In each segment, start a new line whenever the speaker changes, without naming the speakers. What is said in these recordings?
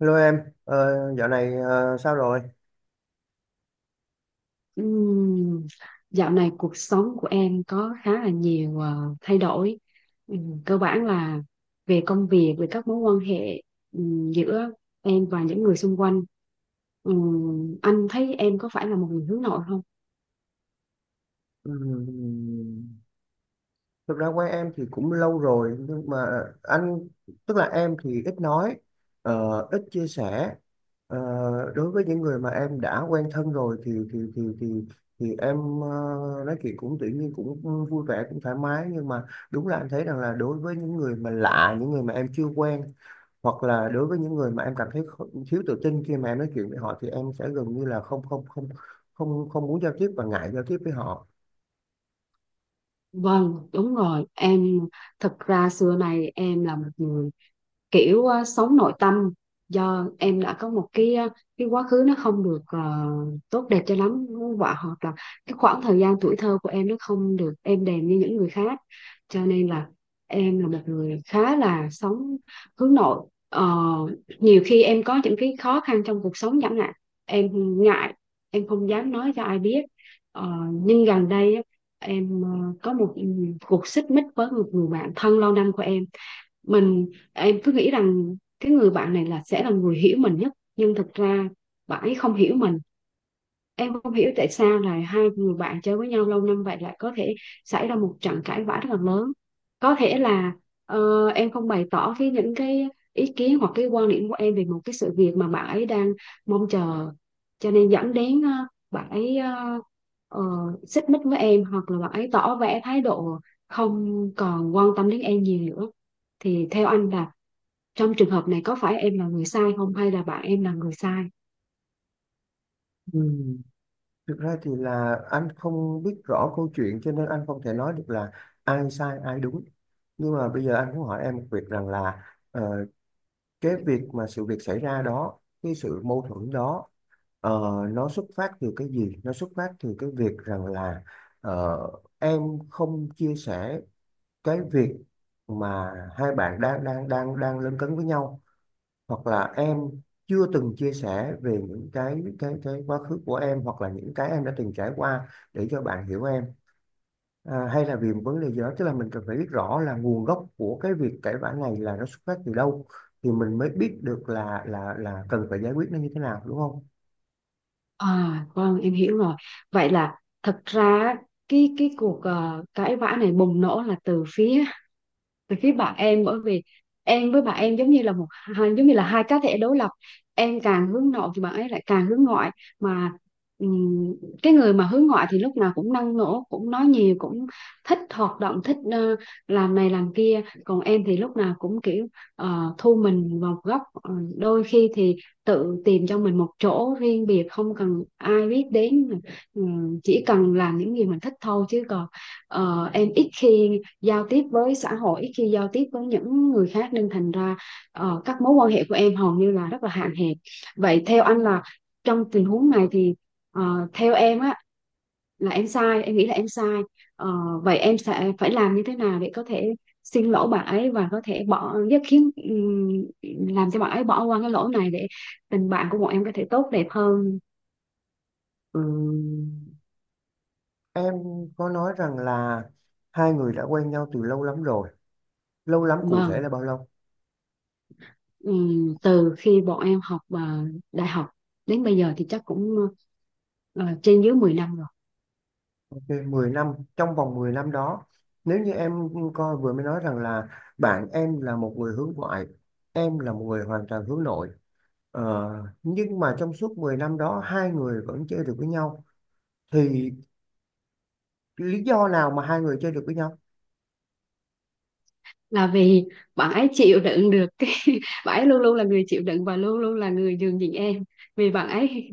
Hello em, dạo này sao rồi?
Ừm, Dạo này cuộc sống của em có khá là nhiều thay đổi. Cơ bản là về công việc, về các mối quan hệ, giữa em và những người xung quanh. Anh thấy em có phải là một người hướng nội không?
Ừm, Thực ra quen em thì cũng lâu rồi nhưng mà anh tức là em thì ít nói, ít chia sẻ. Ờ, Đối với những người mà em đã quen thân rồi thì em nói chuyện cũng tự nhiên cũng vui vẻ cũng thoải mái, nhưng mà đúng là anh thấy rằng là đối với những người mà lạ, những người mà em chưa quen, hoặc là đối với những người mà em cảm thấy thiếu tự tin khi mà em nói chuyện với họ, thì em sẽ gần như là không không không không không muốn giao tiếp và ngại giao tiếp với họ.
Vâng, đúng rồi. Em thật ra xưa này em là một người kiểu, sống nội tâm, do em đã có một cái quá khứ nó không được tốt đẹp cho lắm, và hoặc là cái khoảng thời gian tuổi thơ của em nó không được êm đềm như những người khác, cho nên là em là một người khá là sống hướng nội. Ờ, Nhiều khi em có những cái khó khăn trong cuộc sống, chẳng hạn em ngại, em không dám nói cho ai biết. Ờ, nhưng gần đây á, em có một cuộc xích mích với một người bạn thân lâu năm của em. Mình em cứ nghĩ rằng cái người bạn này là sẽ là người hiểu mình nhất, nhưng thực ra bạn ấy không hiểu mình. Em không hiểu tại sao là hai người bạn chơi với nhau lâu năm vậy lại có thể xảy ra một trận cãi vã rất là lớn. Có thể là em không bày tỏ những cái ý kiến hoặc cái quan điểm của em về một cái sự việc mà bạn ấy đang mong chờ, cho nên dẫn đến bạn ấy ờ, xích mích với em, hoặc là bạn ấy tỏ vẻ thái độ không còn quan tâm đến em nhiều nữa. Thì theo anh là trong trường hợp này, có phải em là người sai không, hay là bạn em là người sai?
Ừ. Thực ra thì là anh không biết rõ câu chuyện cho nên anh không thể nói được là ai sai ai đúng, nhưng mà bây giờ anh muốn hỏi em một việc rằng là ờ, cái việc mà sự việc xảy ra đó, cái sự mâu thuẫn đó, ờ, nó xuất phát từ cái gì, nó xuất phát từ cái việc rằng là ờ, em không chia sẻ cái việc mà hai bạn đang đang đang đang lấn cấn với nhau, hoặc là em chưa từng chia sẻ về những cái quá khứ của em hoặc là những cái em đã từng trải qua để cho bạn hiểu em, à, hay là vì một vấn đề gì đó, tức là mình cần phải biết rõ là nguồn gốc của cái việc cãi vã này là nó xuất phát từ đâu thì mình mới biết được là cần phải giải quyết nó như thế nào, đúng không?
À, vâng, em hiểu rồi. Vậy là thật ra cái cuộc cãi vã này bùng nổ là từ phía bạn em. Bởi vì em với bạn em giống như là hai cá thể đối lập. Em càng hướng nội thì bạn ấy lại càng hướng ngoại. Mà ừm, cái người mà hướng ngoại thì lúc nào cũng năng nổ, cũng nói nhiều, cũng thích hoạt động, thích làm này làm kia. Còn em thì lúc nào cũng kiểu thu mình vào một góc. Ờ, Đôi khi thì tự tìm cho mình một chỗ riêng biệt, không cần ai biết đến. Chỉ cần làm những gì mình thích thôi, chứ còn em ít khi giao tiếp với xã hội, khi giao tiếp với những người khác, nên thành ra các mối quan hệ của em hầu như là rất là hạn hẹp. Vậy theo anh là trong tình huống này thì, theo em á, là em sai, em nghĩ là em sai. Ờ, Vậy em sẽ phải làm như thế nào để có thể xin lỗi bạn ấy và có thể bỏ giúp khiến, làm cho bạn ấy bỏ qua cái lỗi này để tình bạn của bọn em có thể tốt đẹp hơn?
Ừm, em có nói rằng là hai người đã quen nhau từ lâu lắm rồi, lâu lắm cụ
Mà
thể là bao lâu?
từ khi bọn em học đại học đến bây giờ thì chắc cũng trên dưới 10 năm rồi.
Thì 10 năm, trong vòng 10 năm đó, nếu như em coi vừa mới nói rằng là bạn em là một người hướng ngoại, em là một người hoàn toàn hướng nội. Ờ, nhưng mà trong suốt 10 năm đó hai người vẫn chơi được với nhau, thì lý do nào mà hai người chơi được với nhau?
Là vì bạn ấy chịu đựng được cái bạn ấy luôn luôn là người chịu đựng và luôn luôn là người nhường nhịn em. Vì bạn ấy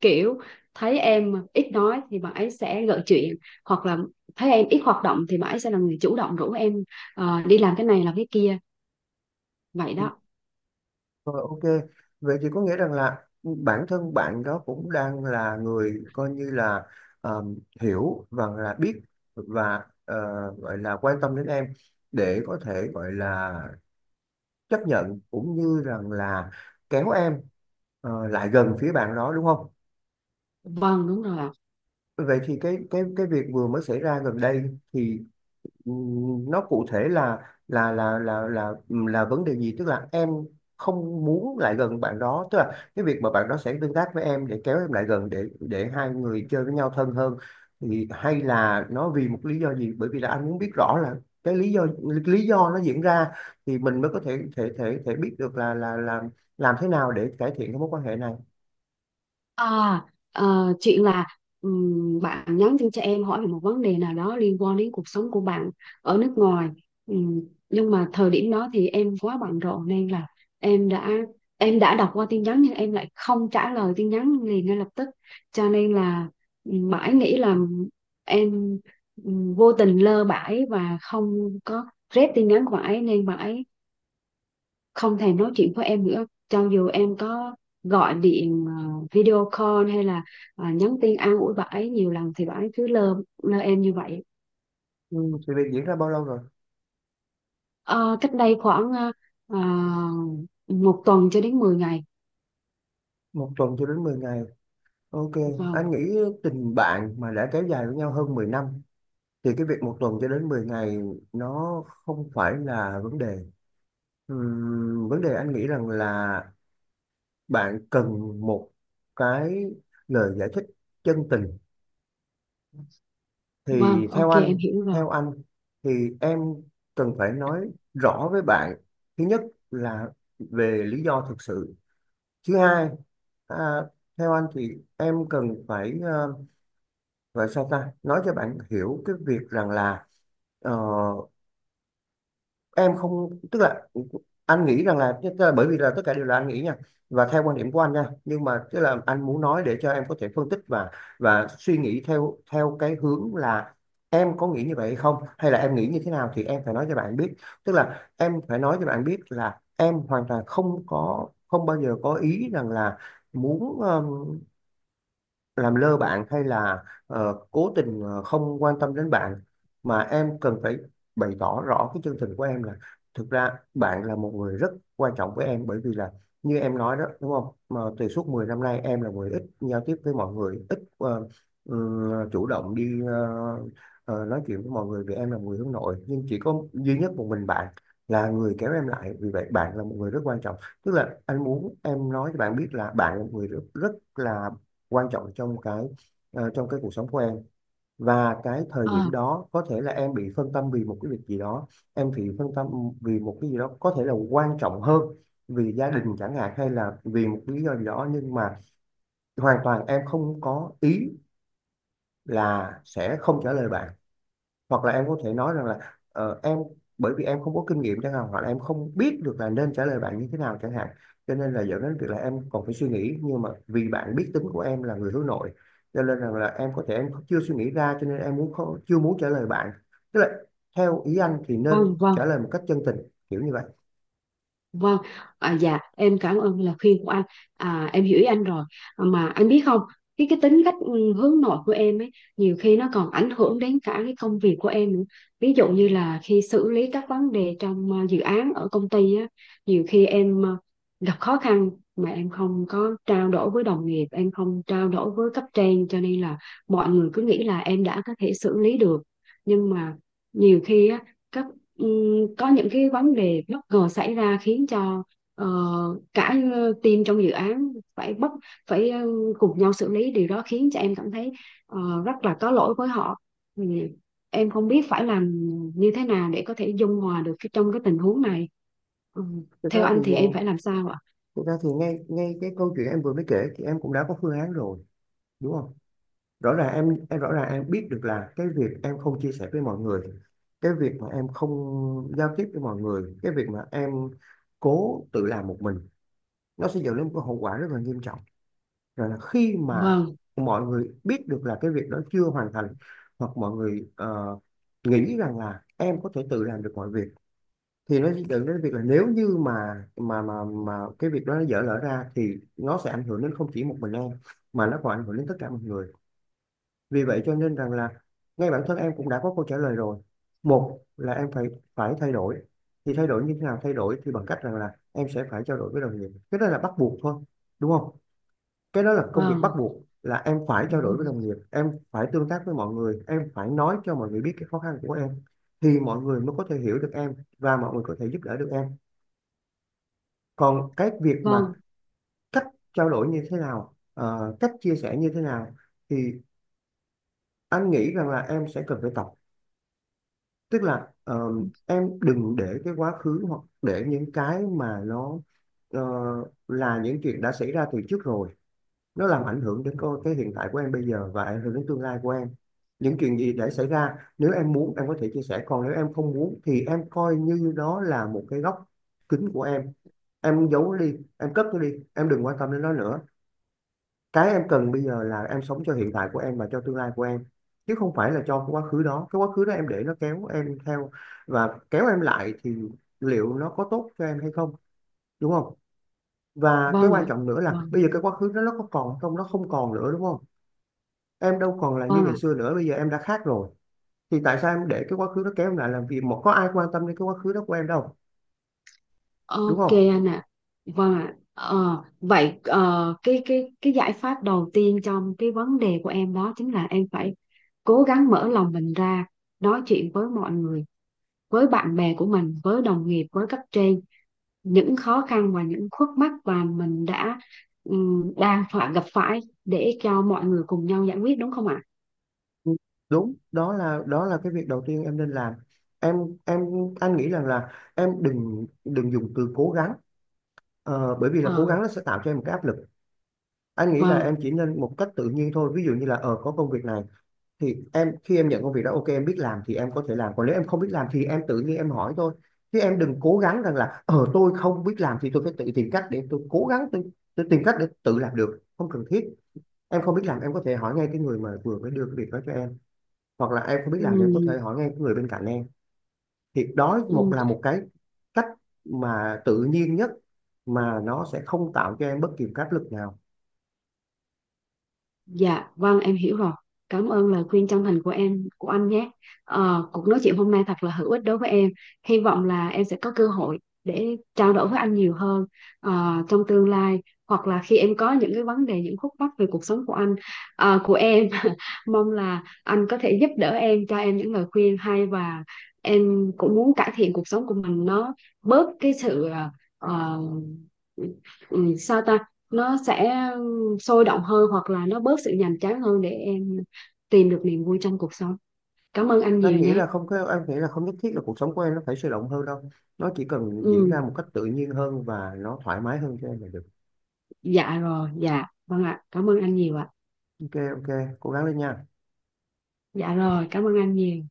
kiểu thấy em ít nói thì bạn ấy sẽ gợi chuyện, hoặc là thấy em ít hoạt động thì bạn ấy sẽ là người chủ động rủ em đi làm cái này làm cái kia, vậy
Ừ.
đó.
Ờ, ok, vậy thì có nghĩa rằng là bản thân bạn đó cũng đang là người coi như là ờ, hiểu và là biết và gọi là quan tâm đến em để có thể gọi là chấp nhận, cũng như rằng là kéo em lại gần phía bạn đó, đúng không?
Vâng, đúng rồi ạ.
Vậy thì cái việc vừa mới xảy ra gần đây, thì nó cụ thể là vấn đề gì, tức là em không muốn lại gần bạn đó, tức là cái việc mà bạn đó sẽ tương tác với em để kéo em lại gần, để hai người chơi với nhau thân hơn, thì hay là nó vì một lý do gì? Bởi vì là anh muốn biết rõ là cái lý do, lý do nó diễn ra thì mình mới có thể thể thể thể biết được là làm thế nào để cải thiện cái mối quan hệ này.
À, chuyện là, bạn nhắn tin cho em hỏi về một vấn đề nào đó liên quan đến cuộc sống của bạn ở nước ngoài. Ừm, nhưng mà thời điểm đó thì em quá bận rộn, nên là em đã em đã đọc qua tin nhắn nhưng em lại không trả lời tin nhắn liền ngay lập tức. Cho nên là, mãi nghĩ là em vô tình lơ bãi và không có rep tin nhắn của bạn ấy, nên bạn ấy không thèm nói chuyện với em nữa, cho dù em có gọi điện, video call, hay là nhắn tin an ủi bà ấy nhiều lần thì bà ấy cứ lơ, lơ em như vậy.
Ừ, thì việc diễn ra bao lâu rồi?
Ờ, Cách đây khoảng ờ, một tuần cho đến 10 ngày.
Một tuần cho đến 10 ngày. Ok, anh
Vâng,
nghĩ tình bạn mà đã kéo dài với nhau hơn 10 năm thì cái việc một tuần cho đến 10 ngày nó không phải là vấn đề. Vấn đề anh nghĩ rằng là bạn cần một cái lời giải thích chân tình.
vâng,
Thì theo
ok em
anh,
hiểu rồi.
theo anh thì em cần phải nói rõ với bạn. Thứ nhất là về lý do thực sự. Thứ hai, à, theo anh thì em cần phải gọi sao ta, nói cho bạn hiểu cái việc rằng là ờ, em không, tức là anh nghĩ rằng là, tức là bởi vì là tất cả đều là anh nghĩ nha, và theo quan điểm của anh nha, nhưng mà tức là anh muốn nói để cho em có thể phân tích và suy nghĩ theo theo cái hướng là em có nghĩ như vậy hay không, hay là em nghĩ như thế nào, thì em phải nói cho bạn biết. Tức là em phải nói cho bạn biết là em hoàn toàn không có, không bao giờ có ý rằng là muốn làm lơ bạn hay là cố tình không quan tâm đến bạn, mà em cần phải bày tỏ rõ cái chân tình của em, là thực ra bạn là một người rất quan trọng với em, bởi vì là như em nói đó, đúng không, mà từ suốt 10 năm nay em là người ít giao tiếp với mọi người, ít chủ động đi nói chuyện với mọi người, vì em là người hướng nội, nhưng chỉ có duy nhất một mình bạn là người kéo em lại, vì vậy bạn là một người rất quan trọng. Tức là anh muốn em nói cho bạn biết là bạn là một người rất, rất là quan trọng trong cái, trong cái cuộc sống của em, và cái thời điểm
Ờ,
đó có thể là em bị phân tâm vì một cái việc gì đó, em bị phân tâm vì một cái gì đó có thể là quan trọng hơn, vì gia đình chẳng hạn, hay là vì một lý do gì đó, nhưng mà hoàn toàn em không có ý là sẽ không trả lời bạn, hoặc là em có thể nói rằng là em bởi vì em không có kinh nghiệm chẳng hạn, hoặc là em không biết được là nên trả lời bạn như thế nào chẳng hạn, cho nên là dẫn đến việc là em còn phải suy nghĩ, nhưng mà vì bạn biết tính của em là người hướng nội, cho nên rằng là em có thể em chưa suy nghĩ ra, cho nên em muốn không, chưa muốn trả lời bạn. Tức là theo ý anh thì
vâng,
nên trả
vâng.
lời một cách chân tình, kiểu như vậy.
Vâng, à, dạ em cảm ơn lời khuyên của anh. À, em hiểu ý anh rồi. À, mà anh biết không, cái tính cách, hướng nội của em ấy nhiều khi nó còn ảnh hưởng đến cả cái công việc của em nữa. Ví dụ như là khi xử lý các vấn đề trong dự án ở công ty á, nhiều khi em gặp khó khăn mà em không có trao đổi với đồng nghiệp, em không trao đổi với cấp trên, cho nên là mọi người cứ nghĩ là em đã có thể xử lý được. Nhưng mà nhiều khi á, các có những cái vấn đề bất ngờ xảy ra, khiến cho ờ, cả team trong dự án phải cùng nhau xử lý điều đó, khiến cho em cảm thấy ờ, rất là có lỗi với họ. Ừ, em không biết phải làm như thế nào để có thể dung hòa được trong cái tình huống này. Ừ,
thực ra
Theo
thì
anh thì em
ờ,
phải làm sao ạ?
Thực ra thì ngay ngay cái câu chuyện em vừa mới kể thì em cũng đã có phương án rồi, đúng không? Rõ ràng em rõ ràng em biết được là cái việc em không chia sẻ với mọi người, cái việc mà em không giao tiếp với mọi người, cái việc mà em cố tự làm một mình, nó sẽ dẫn đến một cái hậu quả rất là nghiêm trọng. Rồi là khi mà
Vâng,
mọi người biết được là cái việc đó chưa hoàn thành, hoặc mọi người nghĩ rằng là em có thể tự làm được mọi việc, thì nó sẽ dẫn đến việc là nếu như mà cái việc đó nó dở lỡ ra thì nó sẽ ảnh hưởng đến không chỉ một mình em, mà nó còn ảnh hưởng đến tất cả mọi người. Vì vậy cho nên rằng là ngay bản thân em cũng đã có câu trả lời rồi. Một là em phải phải thay đổi. Thì thay đổi như thế nào? Thay đổi thì bằng cách rằng là em sẽ phải trao đổi với đồng nghiệp. Cái đó là bắt buộc thôi, đúng không? Cái đó là công việc bắt
vâng.
buộc, là em phải
Ừ,
trao đổi với đồng nghiệp, em phải tương tác với mọi người, em phải nói cho mọi người biết cái khó khăn của em thì mọi người mới có thể hiểu được em và mọi người có thể giúp đỡ được em. Còn cái việc mà
vâng,
cách trao đổi như thế nào, cách chia sẻ như thế nào, thì anh nghĩ rằng là em sẽ cần phải tập, tức là em đừng để cái quá khứ, hoặc để những cái mà nó ờ, là những chuyện đã xảy ra từ trước rồi, nó làm ảnh hưởng đến cái hiện tại của em bây giờ và ảnh hưởng đến tương lai của em. Những chuyện gì đã xảy ra, nếu em muốn em có thể chia sẻ, còn nếu em không muốn thì em coi như đó là một cái góc kính của em giấu nó đi, em cất nó đi, em đừng quan tâm đến nó nữa. Cái em cần bây giờ là em sống cho hiện tại của em và cho tương lai của em, chứ không phải là cho cái quá khứ đó. Cái quá khứ đó em để nó kéo em theo và kéo em lại thì liệu nó có tốt cho em hay không, đúng không? Và cái
vâng
quan
ạ.
trọng nữa là
Vâng,
bây giờ cái quá khứ đó nó có còn không? Nó không còn nữa, đúng không? Em đâu còn là như ngày
vâng.
xưa nữa, bây giờ em đã khác rồi, thì tại sao em để cái quá khứ nó kéo em lại làm gì, mà có ai quan tâm đến cái quá khứ đó của em đâu, đúng
Ok
không?
anh ạ. Vâng ạ. Ờ, Vậy cái giải pháp đầu tiên trong cái vấn đề của em đó chính là em phải cố gắng mở lòng mình ra, nói chuyện với mọi người, với bạn bè của mình, với đồng nghiệp, với cấp trên những khó khăn và những khúc mắc mà mình đã, đang phải gặp phải, để cho mọi người cùng nhau giải quyết, đúng không ạ?
Đúng, đó là cái việc đầu tiên em nên làm. em em anh nghĩ rằng là em đừng đừng dùng từ cố gắng. Bởi vì là cố
Ờ,
gắng nó sẽ tạo cho em một cái áp lực. Anh nghĩ là em
vâng.
chỉ nên một cách tự nhiên thôi. Ví dụ như là có công việc này, thì em khi em nhận công việc đó, ok em biết làm thì em có thể làm, còn nếu em không biết làm thì em tự nhiên em hỏi thôi, chứ em đừng cố gắng rằng là tôi không biết làm thì tôi phải tự tìm cách để tôi cố gắng, tôi tìm cách để tự làm được, không cần thiết. Em không biết làm em có thể hỏi ngay cái người mà vừa mới đưa cái việc đó cho em, hoặc là em không biết làm thì em có
Ừm,
thể hỏi ngay cái người bên cạnh em. Thì đó một
ừm.
là một cái cách mà tự nhiên nhất, mà nó sẽ không tạo cho em bất kỳ áp lực nào.
Dạ, vâng em hiểu rồi. Cảm ơn lời khuyên chân thành của em, của anh nhé. Ờ, cuộc nói chuyện hôm nay thật là hữu ích đối với em. Hy vọng là em sẽ có cơ hội để trao đổi với anh nhiều hơn trong tương lai, hoặc là khi em có những cái vấn đề, những khúc mắc về cuộc sống của anh, ờ, của em. Mong là anh có thể giúp đỡ em, cho em những lời khuyên hay, và em cũng muốn cải thiện cuộc sống của mình, nó bớt cái sự ờ, ừ, sao ta? Nó sẽ sôi động hơn hoặc là nó bớt sự nhàm chán hơn, để em tìm được niềm vui trong cuộc sống. Cảm ơn anh nhiều
Anh nghĩ
nhé.
là không có, em nghĩ là không nhất thiết là cuộc sống của em nó phải sôi động hơn đâu, nó chỉ cần diễn
Ừ,
ra một cách tự nhiên hơn và nó thoải mái hơn cho em là được.
dạ rồi, dạ vâng ạ, cảm ơn anh nhiều ạ.
Ok, ok, cố gắng lên nha.
Dạ rồi, cảm ơn anh nhiều.